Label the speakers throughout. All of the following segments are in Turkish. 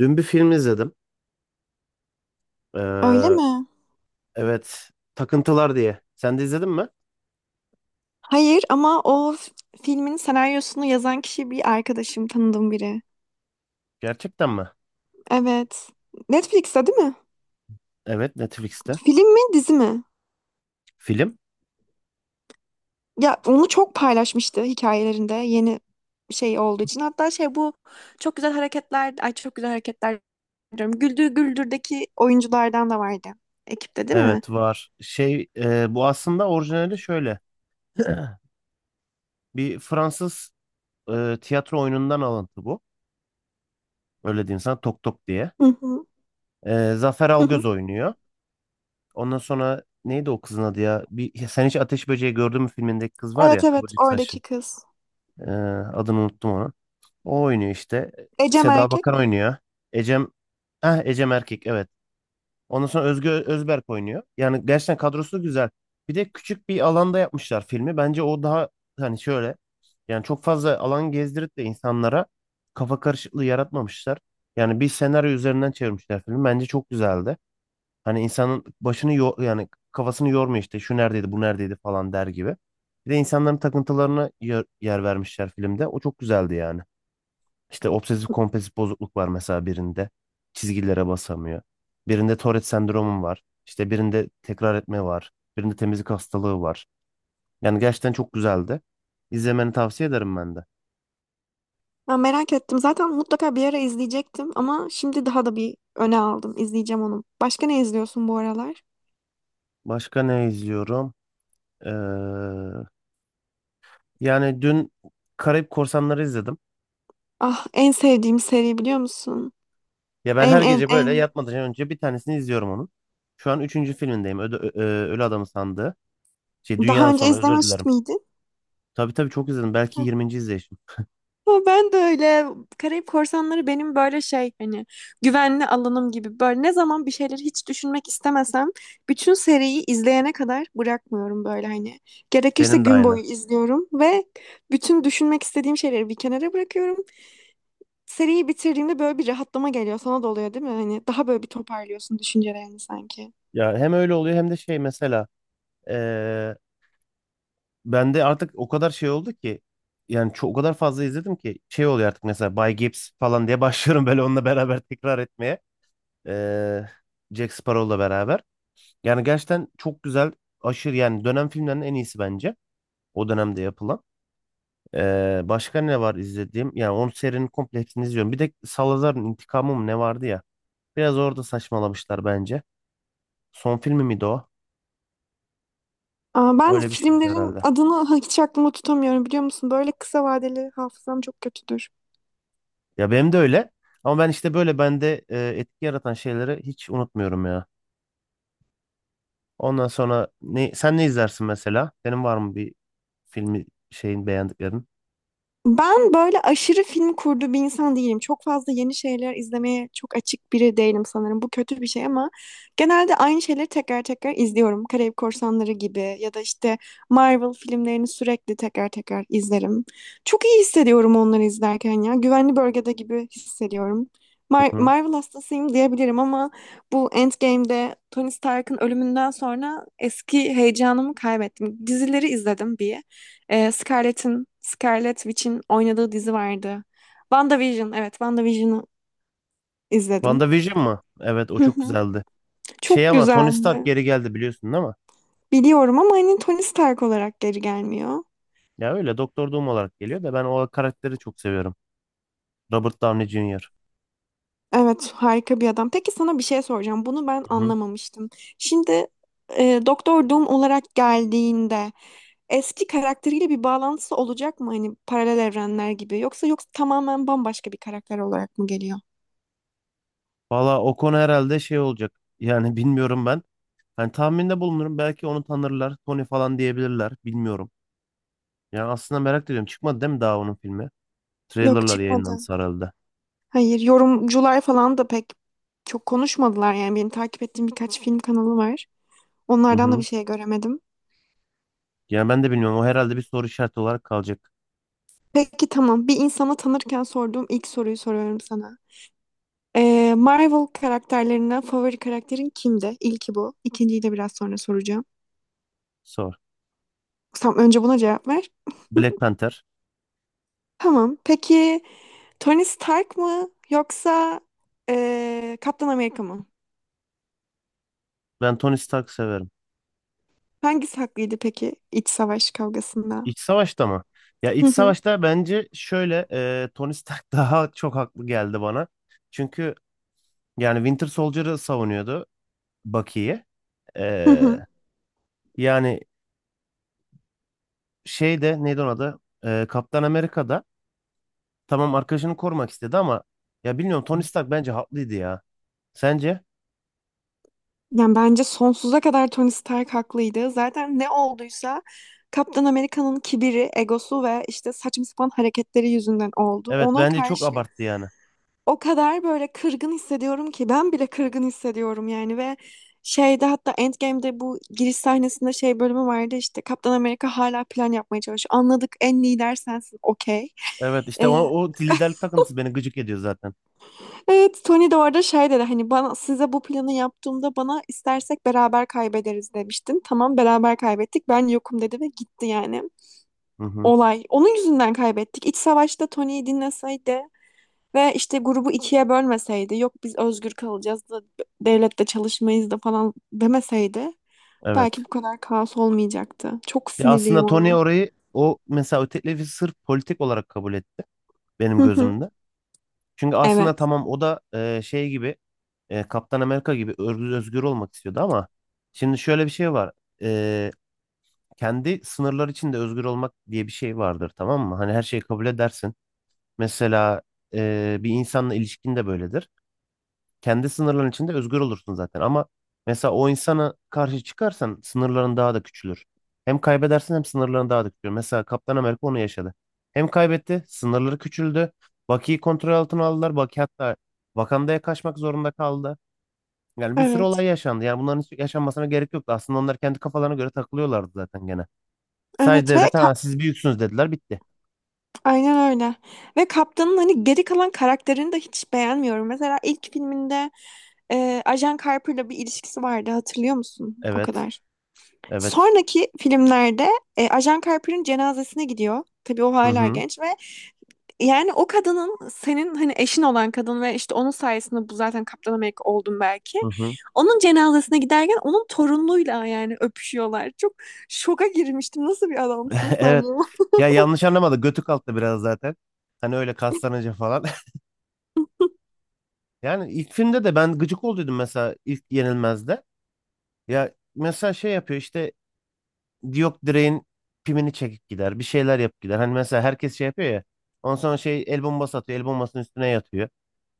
Speaker 1: Dün bir film izledim.
Speaker 2: Öyle
Speaker 1: Ee,
Speaker 2: mi?
Speaker 1: evet, Takıntılar diye. Sen de izledin mi?
Speaker 2: Hayır ama filmin senaryosunu yazan kişi bir arkadaşım, tanıdığım biri.
Speaker 1: Gerçekten mi?
Speaker 2: Evet. Netflix'te değil mi?
Speaker 1: Evet, Netflix'te.
Speaker 2: Film mi, dizi mi?
Speaker 1: Film?
Speaker 2: Ya onu çok paylaşmıştı hikayelerinde yeni şey olduğu için. Hatta şey bu çok güzel hareketler, ay çok güzel hareketler diyorum. Güldür Güldür'deki oyunculardan da vardı. Ekipte değil mi?
Speaker 1: Evet, var. Şey, bu aslında orijinali şöyle. Bir Fransız tiyatro oyunundan alıntı bu. Öyle diyeyim sana, Tok Tok diye.
Speaker 2: Hı hı.
Speaker 1: Zafer
Speaker 2: Hı
Speaker 1: Algöz
Speaker 2: hı.
Speaker 1: oynuyor. Ondan sonra neydi o kızın adı ya? Sen hiç Ateş Böceği gördün mü filmindeki kız var ya,
Speaker 2: Evet evet
Speaker 1: kıvırcık saçlı.
Speaker 2: oradaki kız.
Speaker 1: E, adını unuttum onu. O oynuyor işte.
Speaker 2: Ecem
Speaker 1: Seda
Speaker 2: erkek.
Speaker 1: Bakan oynuyor. Ecem Heh, Ecem Erkek evet. Ondan sonra Özge Özberk oynuyor. Yani gerçekten kadrosu güzel. Bir de küçük bir alanda yapmışlar filmi. Bence o daha hani şöyle yani çok fazla alan gezdirip de insanlara kafa karışıklığı yaratmamışlar. Yani bir senaryo üzerinden çevirmişler filmi. Bence çok güzeldi. Hani insanın başını yani kafasını yormuyor işte şu neredeydi bu neredeydi falan der gibi. Bir de insanların takıntılarına yer vermişler filmde. O çok güzeldi yani. İşte obsesif kompulsif bozukluk var mesela birinde. Çizgilere basamıyor. Birinde Tourette sendromu var. İşte birinde tekrar etme var. Birinde temizlik hastalığı var. Yani gerçekten çok güzeldi. İzlemeni tavsiye ederim ben de.
Speaker 2: Ben merak ettim. Zaten mutlaka bir ara izleyecektim ama şimdi daha da bir öne aldım. İzleyeceğim onu. Başka ne izliyorsun bu aralar?
Speaker 1: Başka ne izliyorum? Ee, yani dün Karayip Korsanları izledim.
Speaker 2: Ah, en sevdiğim seri biliyor musun?
Speaker 1: Ya ben
Speaker 2: En
Speaker 1: her
Speaker 2: en
Speaker 1: gece böyle
Speaker 2: en.
Speaker 1: yatmadan önce bir tanesini izliyorum onun. Şu an üçüncü filmindeyim. Ölü Adam'ın sandığı. Şey
Speaker 2: Daha
Speaker 1: Dünyanın
Speaker 2: önce
Speaker 1: Sonu özür
Speaker 2: izlemiş
Speaker 1: dilerim.
Speaker 2: miydin?
Speaker 1: Tabii tabii çok izledim. Belki
Speaker 2: Heh.
Speaker 1: 20. izleyişim.
Speaker 2: Ama ben de öyle. Karayip Korsanları benim böyle şey hani güvenli alanım gibi. Böyle ne zaman bir şeyleri hiç düşünmek istemesem bütün seriyi izleyene kadar bırakmıyorum böyle hani. Gerekirse
Speaker 1: Benim de
Speaker 2: gün
Speaker 1: aynı.
Speaker 2: boyu izliyorum ve bütün düşünmek istediğim şeyleri bir kenara bırakıyorum. Seriyi bitirdiğimde böyle bir rahatlama geliyor. Sana da oluyor değil mi? Hani daha böyle bir toparlıyorsun düşüncelerini sanki.
Speaker 1: Ya hem öyle oluyor hem de şey mesela eee bende artık o kadar şey oldu ki yani o kadar fazla izledim ki şey oluyor artık mesela Bay Gibbs falan diye başlıyorum böyle onunla beraber tekrar etmeye. Eee Jack Sparrow'la beraber. Yani gerçekten çok güzel aşırı yani dönem filmlerinin en iyisi bence o dönemde yapılan. Başka ne var izlediğim? Yani onun serinin komple hepsini izliyorum. Bir de Salazar'ın intikamı mı ne vardı ya? Biraz orada saçmalamışlar bence. Son filmi miydi o?
Speaker 2: Aa, ben
Speaker 1: Öyle bir şeydi
Speaker 2: filmlerin
Speaker 1: herhalde.
Speaker 2: adını hiç aklımda tutamıyorum biliyor musun? Böyle kısa vadeli hafızam çok kötüdür.
Speaker 1: Ya benim de öyle. Ama ben işte böyle bende etki yaratan şeyleri hiç unutmuyorum ya. Ondan sonra ne, sen ne izlersin mesela? Senin var mı bir filmi şeyin beğendiklerin?
Speaker 2: Ben böyle aşırı film kurdu bir insan değilim. Çok fazla yeni şeyler izlemeye çok açık biri değilim sanırım. Bu kötü bir şey ama genelde aynı şeyleri tekrar tekrar izliyorum. Karayip Korsanları gibi ya da işte Marvel filmlerini sürekli tekrar tekrar izlerim. Çok iyi hissediyorum onları izlerken ya. Güvenli bölgede gibi hissediyorum.
Speaker 1: Hı hı.
Speaker 2: Marvel hastasıyım diyebilirim ama bu Endgame'de Tony Stark'ın ölümünden sonra eski heyecanımı kaybettim. Dizileri izledim bir. Scarlett'in, Scarlett Witch'in oynadığı dizi vardı. WandaVision, evet WandaVision'ı izledim.
Speaker 1: WandaVision mı? Evet o
Speaker 2: Hı
Speaker 1: çok
Speaker 2: hı.
Speaker 1: güzeldi.
Speaker 2: Çok
Speaker 1: Şey ama Tony Stark
Speaker 2: güzeldi.
Speaker 1: geri geldi biliyorsun değil mi?
Speaker 2: Biliyorum ama hani Tony Stark olarak geri gelmiyor.
Speaker 1: Ya öyle Doktor Doom olarak geliyor da ben o karakteri çok seviyorum. Robert Downey Jr.
Speaker 2: Evet, harika bir adam. Peki sana bir şey soracağım. Bunu ben
Speaker 1: Hı hı.
Speaker 2: anlamamıştım. Şimdi Doktor Doom olarak geldiğinde eski karakteriyle bir bağlantısı olacak mı hani paralel evrenler gibi yoksa tamamen bambaşka bir karakter olarak mı geliyor?
Speaker 1: Valla o konu herhalde şey olacak. Yani bilmiyorum ben. Hani tahminde bulunurum belki onu tanırlar. Tony falan diyebilirler. Bilmiyorum. Ya aslında merak ediyorum. Çıkmadı değil mi daha onun filmi?
Speaker 2: Yok,
Speaker 1: Trailerlar
Speaker 2: çıkmadı.
Speaker 1: yayınlandı sarıldı.
Speaker 2: Hayır, yorumcular falan da pek çok konuşmadılar yani benim takip ettiğim birkaç film kanalı var.
Speaker 1: Hı
Speaker 2: Onlardan da bir
Speaker 1: hı.
Speaker 2: şey göremedim.
Speaker 1: Yani ben de bilmiyorum. O herhalde bir soru işareti olarak kalacak.
Speaker 2: Peki, tamam. Bir insana tanırken sorduğum ilk soruyu soruyorum sana. Marvel karakterlerinden favori karakterin kimdi? İlki bu. İkinciyi de biraz sonra soracağım.
Speaker 1: Sor.
Speaker 2: Tamam, önce buna cevap ver.
Speaker 1: Black Panther.
Speaker 2: Tamam. Peki Tony Stark mı yoksa Kaptan Amerika mı?
Speaker 1: Ben Tony Stark severim.
Speaker 2: Hangisi haklıydı peki iç savaş kavgasında?
Speaker 1: İç Savaş'ta mı? Ya
Speaker 2: Hı
Speaker 1: iç
Speaker 2: hı.
Speaker 1: Savaş'ta bence şöyle Tony Stark daha çok haklı geldi bana. Çünkü yani Winter Soldier'ı savunuyordu Bucky'yi.
Speaker 2: Hı
Speaker 1: E,
Speaker 2: hı.
Speaker 1: yani şeyde neydi onun adı? Kaptan Amerika'da tamam arkadaşını korumak istedi ama ya bilmiyorum Tony Stark bence haklıydı ya. Sence?
Speaker 2: Yani bence sonsuza kadar Tony Stark haklıydı. Zaten ne olduysa Kaptan Amerika'nın kibiri, egosu ve işte saçma sapan hareketleri yüzünden oldu.
Speaker 1: Evet
Speaker 2: Ona
Speaker 1: bence çok
Speaker 2: karşı
Speaker 1: abarttı yani.
Speaker 2: o kadar böyle kırgın hissediyorum ki ben bile kırgın hissediyorum yani ve şeyde hatta Endgame'de bu giriş sahnesinde şey bölümü vardı işte Kaptan Amerika hala plan yapmaya çalışıyor. Anladık, en lider sensin, okey.
Speaker 1: Evet işte o liderlik takıntısı beni gıcık ediyor zaten.
Speaker 2: Evet, Tony de orada şey dedi hani bana size bu planı yaptığımda bana istersek beraber kaybederiz demiştin. Tamam, beraber kaybettik. Ben yokum dedi ve gitti yani.
Speaker 1: Hı hı.
Speaker 2: Olay. Onun yüzünden kaybettik. İç savaşta Tony'yi dinleseydi ve işte grubu ikiye bölmeseydi. Yok biz özgür kalacağız da devlette çalışmayız da falan demeseydi belki
Speaker 1: Evet.
Speaker 2: bu kadar kaos olmayacaktı. Çok
Speaker 1: Ya
Speaker 2: sinirliyim
Speaker 1: aslında Tony
Speaker 2: ona.
Speaker 1: orayı o mesela o teklifi sırf politik olarak kabul etti benim
Speaker 2: Hı hı.
Speaker 1: gözümde. Çünkü aslında
Speaker 2: Evet.
Speaker 1: tamam o da şey gibi Kaptan Amerika gibi özgür olmak istiyordu ama şimdi şöyle bir şey var. E, kendi sınırlar içinde özgür olmak diye bir şey vardır tamam mı? Hani her şeyi kabul edersin. Mesela bir insanla ilişkin de böyledir. Kendi sınırların içinde özgür olursun zaten. Ama mesela o insana karşı çıkarsan sınırların daha da küçülür. Hem kaybedersin hem sınırların daha da küçülür. Mesela Kaptan Amerika onu yaşadı. Hem kaybetti, sınırları küçüldü. Bucky'yi kontrol altına aldılar. Bucky hatta Wakanda'ya kaçmak zorunda kaldı. Yani bir sürü
Speaker 2: Evet.
Speaker 1: olay yaşandı. Yani bunların hiç yaşanmasına gerek yoktu. Aslında onlar kendi kafalarına göre takılıyorlardı zaten gene. Sadece
Speaker 2: Evet ve
Speaker 1: devlete ha, siz büyüksünüz dediler bitti.
Speaker 2: aynen öyle. Ve Kaptan'ın hani geri kalan karakterini de hiç beğenmiyorum. Mesela ilk filminde Ajan Carper'la bir ilişkisi vardı hatırlıyor musun? O
Speaker 1: Evet.
Speaker 2: kadar.
Speaker 1: Evet.
Speaker 2: Sonraki filmlerde Ajan Carper'ın cenazesine gidiyor. Tabii o
Speaker 1: Hı
Speaker 2: hala
Speaker 1: hı.
Speaker 2: genç ve yani o kadının senin hani eşin olan kadın ve işte onun sayesinde bu zaten Kaptan Amerika oldun belki.
Speaker 1: Hı hı.
Speaker 2: Onun cenazesine giderken onun torunluğuyla yani öpüşüyorlar. Çok şoka girmiştim. Nasıl bir adamsın sen
Speaker 1: Evet.
Speaker 2: ya?
Speaker 1: Ya yanlış anlamadı. Götü kalktı biraz zaten. Hani öyle kaslanınca falan. Yani ilk filmde de ben gıcık olduydum mesela ilk Yenilmez'de. Ya mesela şey yapıyor işte yok direğin pimini çekip gider. Bir şeyler yapıp gider. Hani mesela herkes şey yapıyor ya. Ondan sonra şey el bombası atıyor. El bombasının üstüne yatıyor.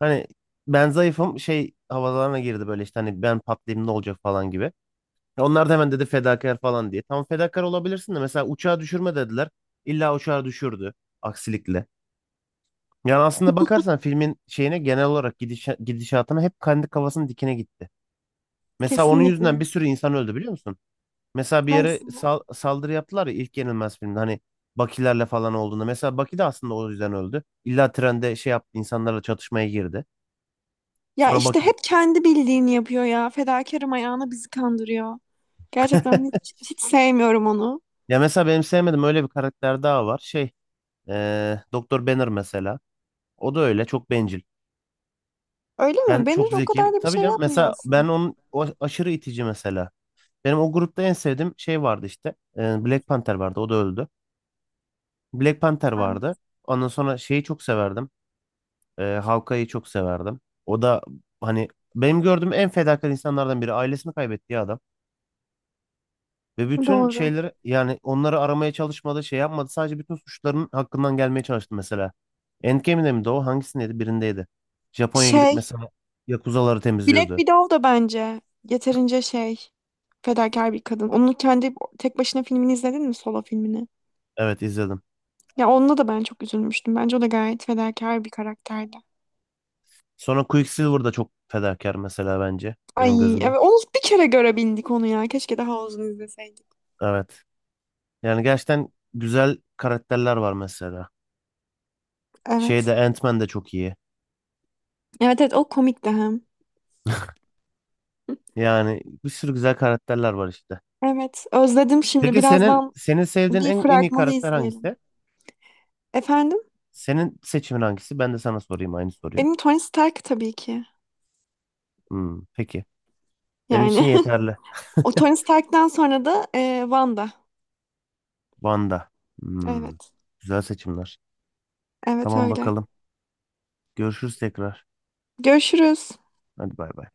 Speaker 1: Hani ben zayıfım şey havalarına girdi böyle işte hani ben patlayayım ne olacak falan gibi. Ya onlar da hemen dedi fedakar falan diye. Tamam fedakar olabilirsin de mesela uçağı düşürme dediler. İlla uçağı düşürdü aksilikle. Yani aslında bakarsan filmin şeyine genel olarak gidişatına hep kendi kafasının dikine gitti. Mesela onun yüzünden bir
Speaker 2: Kesinlikle.
Speaker 1: sürü insan öldü biliyor musun? Mesela bir yere
Speaker 2: Hangisi?
Speaker 1: saldırı yaptılar ya ilk Yenilmez filmde hani Bakilerle falan olduğunda. Mesela Baki de aslında o yüzden öldü. İlla trende şey yaptı insanlarla çatışmaya girdi.
Speaker 2: Ya
Speaker 1: Sonra
Speaker 2: işte
Speaker 1: Baki.
Speaker 2: hep kendi bildiğini yapıyor ya. Fedakarım ayağına bizi kandırıyor. Gerçekten hiç sevmiyorum onu.
Speaker 1: Ya mesela benim sevmediğim öyle bir karakter daha var. Şey Doktor Banner mesela. O da öyle çok bencil.
Speaker 2: Öyle
Speaker 1: Ben
Speaker 2: mi?
Speaker 1: çok
Speaker 2: Benir o
Speaker 1: zekiyim.
Speaker 2: kadar da bir
Speaker 1: Tabii
Speaker 2: şey
Speaker 1: canım
Speaker 2: yapmıyor
Speaker 1: mesela ben
Speaker 2: aslında.
Speaker 1: onun o aşırı itici mesela. Benim o grupta en sevdiğim şey vardı işte. Black Panther vardı. O da öldü. Black Panther
Speaker 2: Evet,
Speaker 1: vardı. Ondan sonra şeyi çok severdim. Hawkeye'yi çok severdim. O da hani benim gördüğüm en fedakar insanlardan biri. Ailesini kaybettiği adam. Ve bütün
Speaker 2: doğru.
Speaker 1: şeyleri yani onları aramaya çalışmadı, şey yapmadı. Sadece bütün suçların hakkından gelmeye çalıştı mesela. Endgame'de miydi o? Hangisindeydi? Birindeydi. Japonya'ya gidip
Speaker 2: Şey,
Speaker 1: mesela Yakuzaları
Speaker 2: Black
Speaker 1: temizliyordu.
Speaker 2: Widow da bence yeterince şey, fedakar bir kadın. Onun kendi tek başına filmini izledin mi? Solo filmini.
Speaker 1: Evet izledim.
Speaker 2: Ya onunla da ben çok üzülmüştüm. Bence o da gayet fedakar bir karakterdi.
Speaker 1: Sonra Quicksilver da çok fedakar mesela bence benim
Speaker 2: Ay
Speaker 1: gözümde.
Speaker 2: evet, onu bir kere görebildik onu ya. Keşke daha uzun izleseydik.
Speaker 1: Evet. Yani gerçekten güzel karakterler var mesela.
Speaker 2: Evet.
Speaker 1: Şeyde Ant-Man de çok iyi.
Speaker 2: Evet evet, o komikti hem.
Speaker 1: Yani bir sürü güzel karakterler var işte.
Speaker 2: Evet, özledim şimdi.
Speaker 1: Peki senin
Speaker 2: Birazdan
Speaker 1: senin sevdiğin
Speaker 2: bir
Speaker 1: en iyi
Speaker 2: fragmanı
Speaker 1: karakter
Speaker 2: izleyelim.
Speaker 1: hangisi?
Speaker 2: Efendim?
Speaker 1: Senin seçimin hangisi? Ben de sana sorayım aynı soruyu.
Speaker 2: Benim Tony Stark tabii ki.
Speaker 1: Hmm, peki. Benim için
Speaker 2: Yani
Speaker 1: yeterli.
Speaker 2: o Tony Stark'tan sonra da Wanda.
Speaker 1: Wanda. Hmm,
Speaker 2: Evet,
Speaker 1: güzel seçimler.
Speaker 2: evet
Speaker 1: Tamam
Speaker 2: öyle.
Speaker 1: bakalım. Görüşürüz tekrar.
Speaker 2: Görüşürüz.
Speaker 1: Hadi bay bay.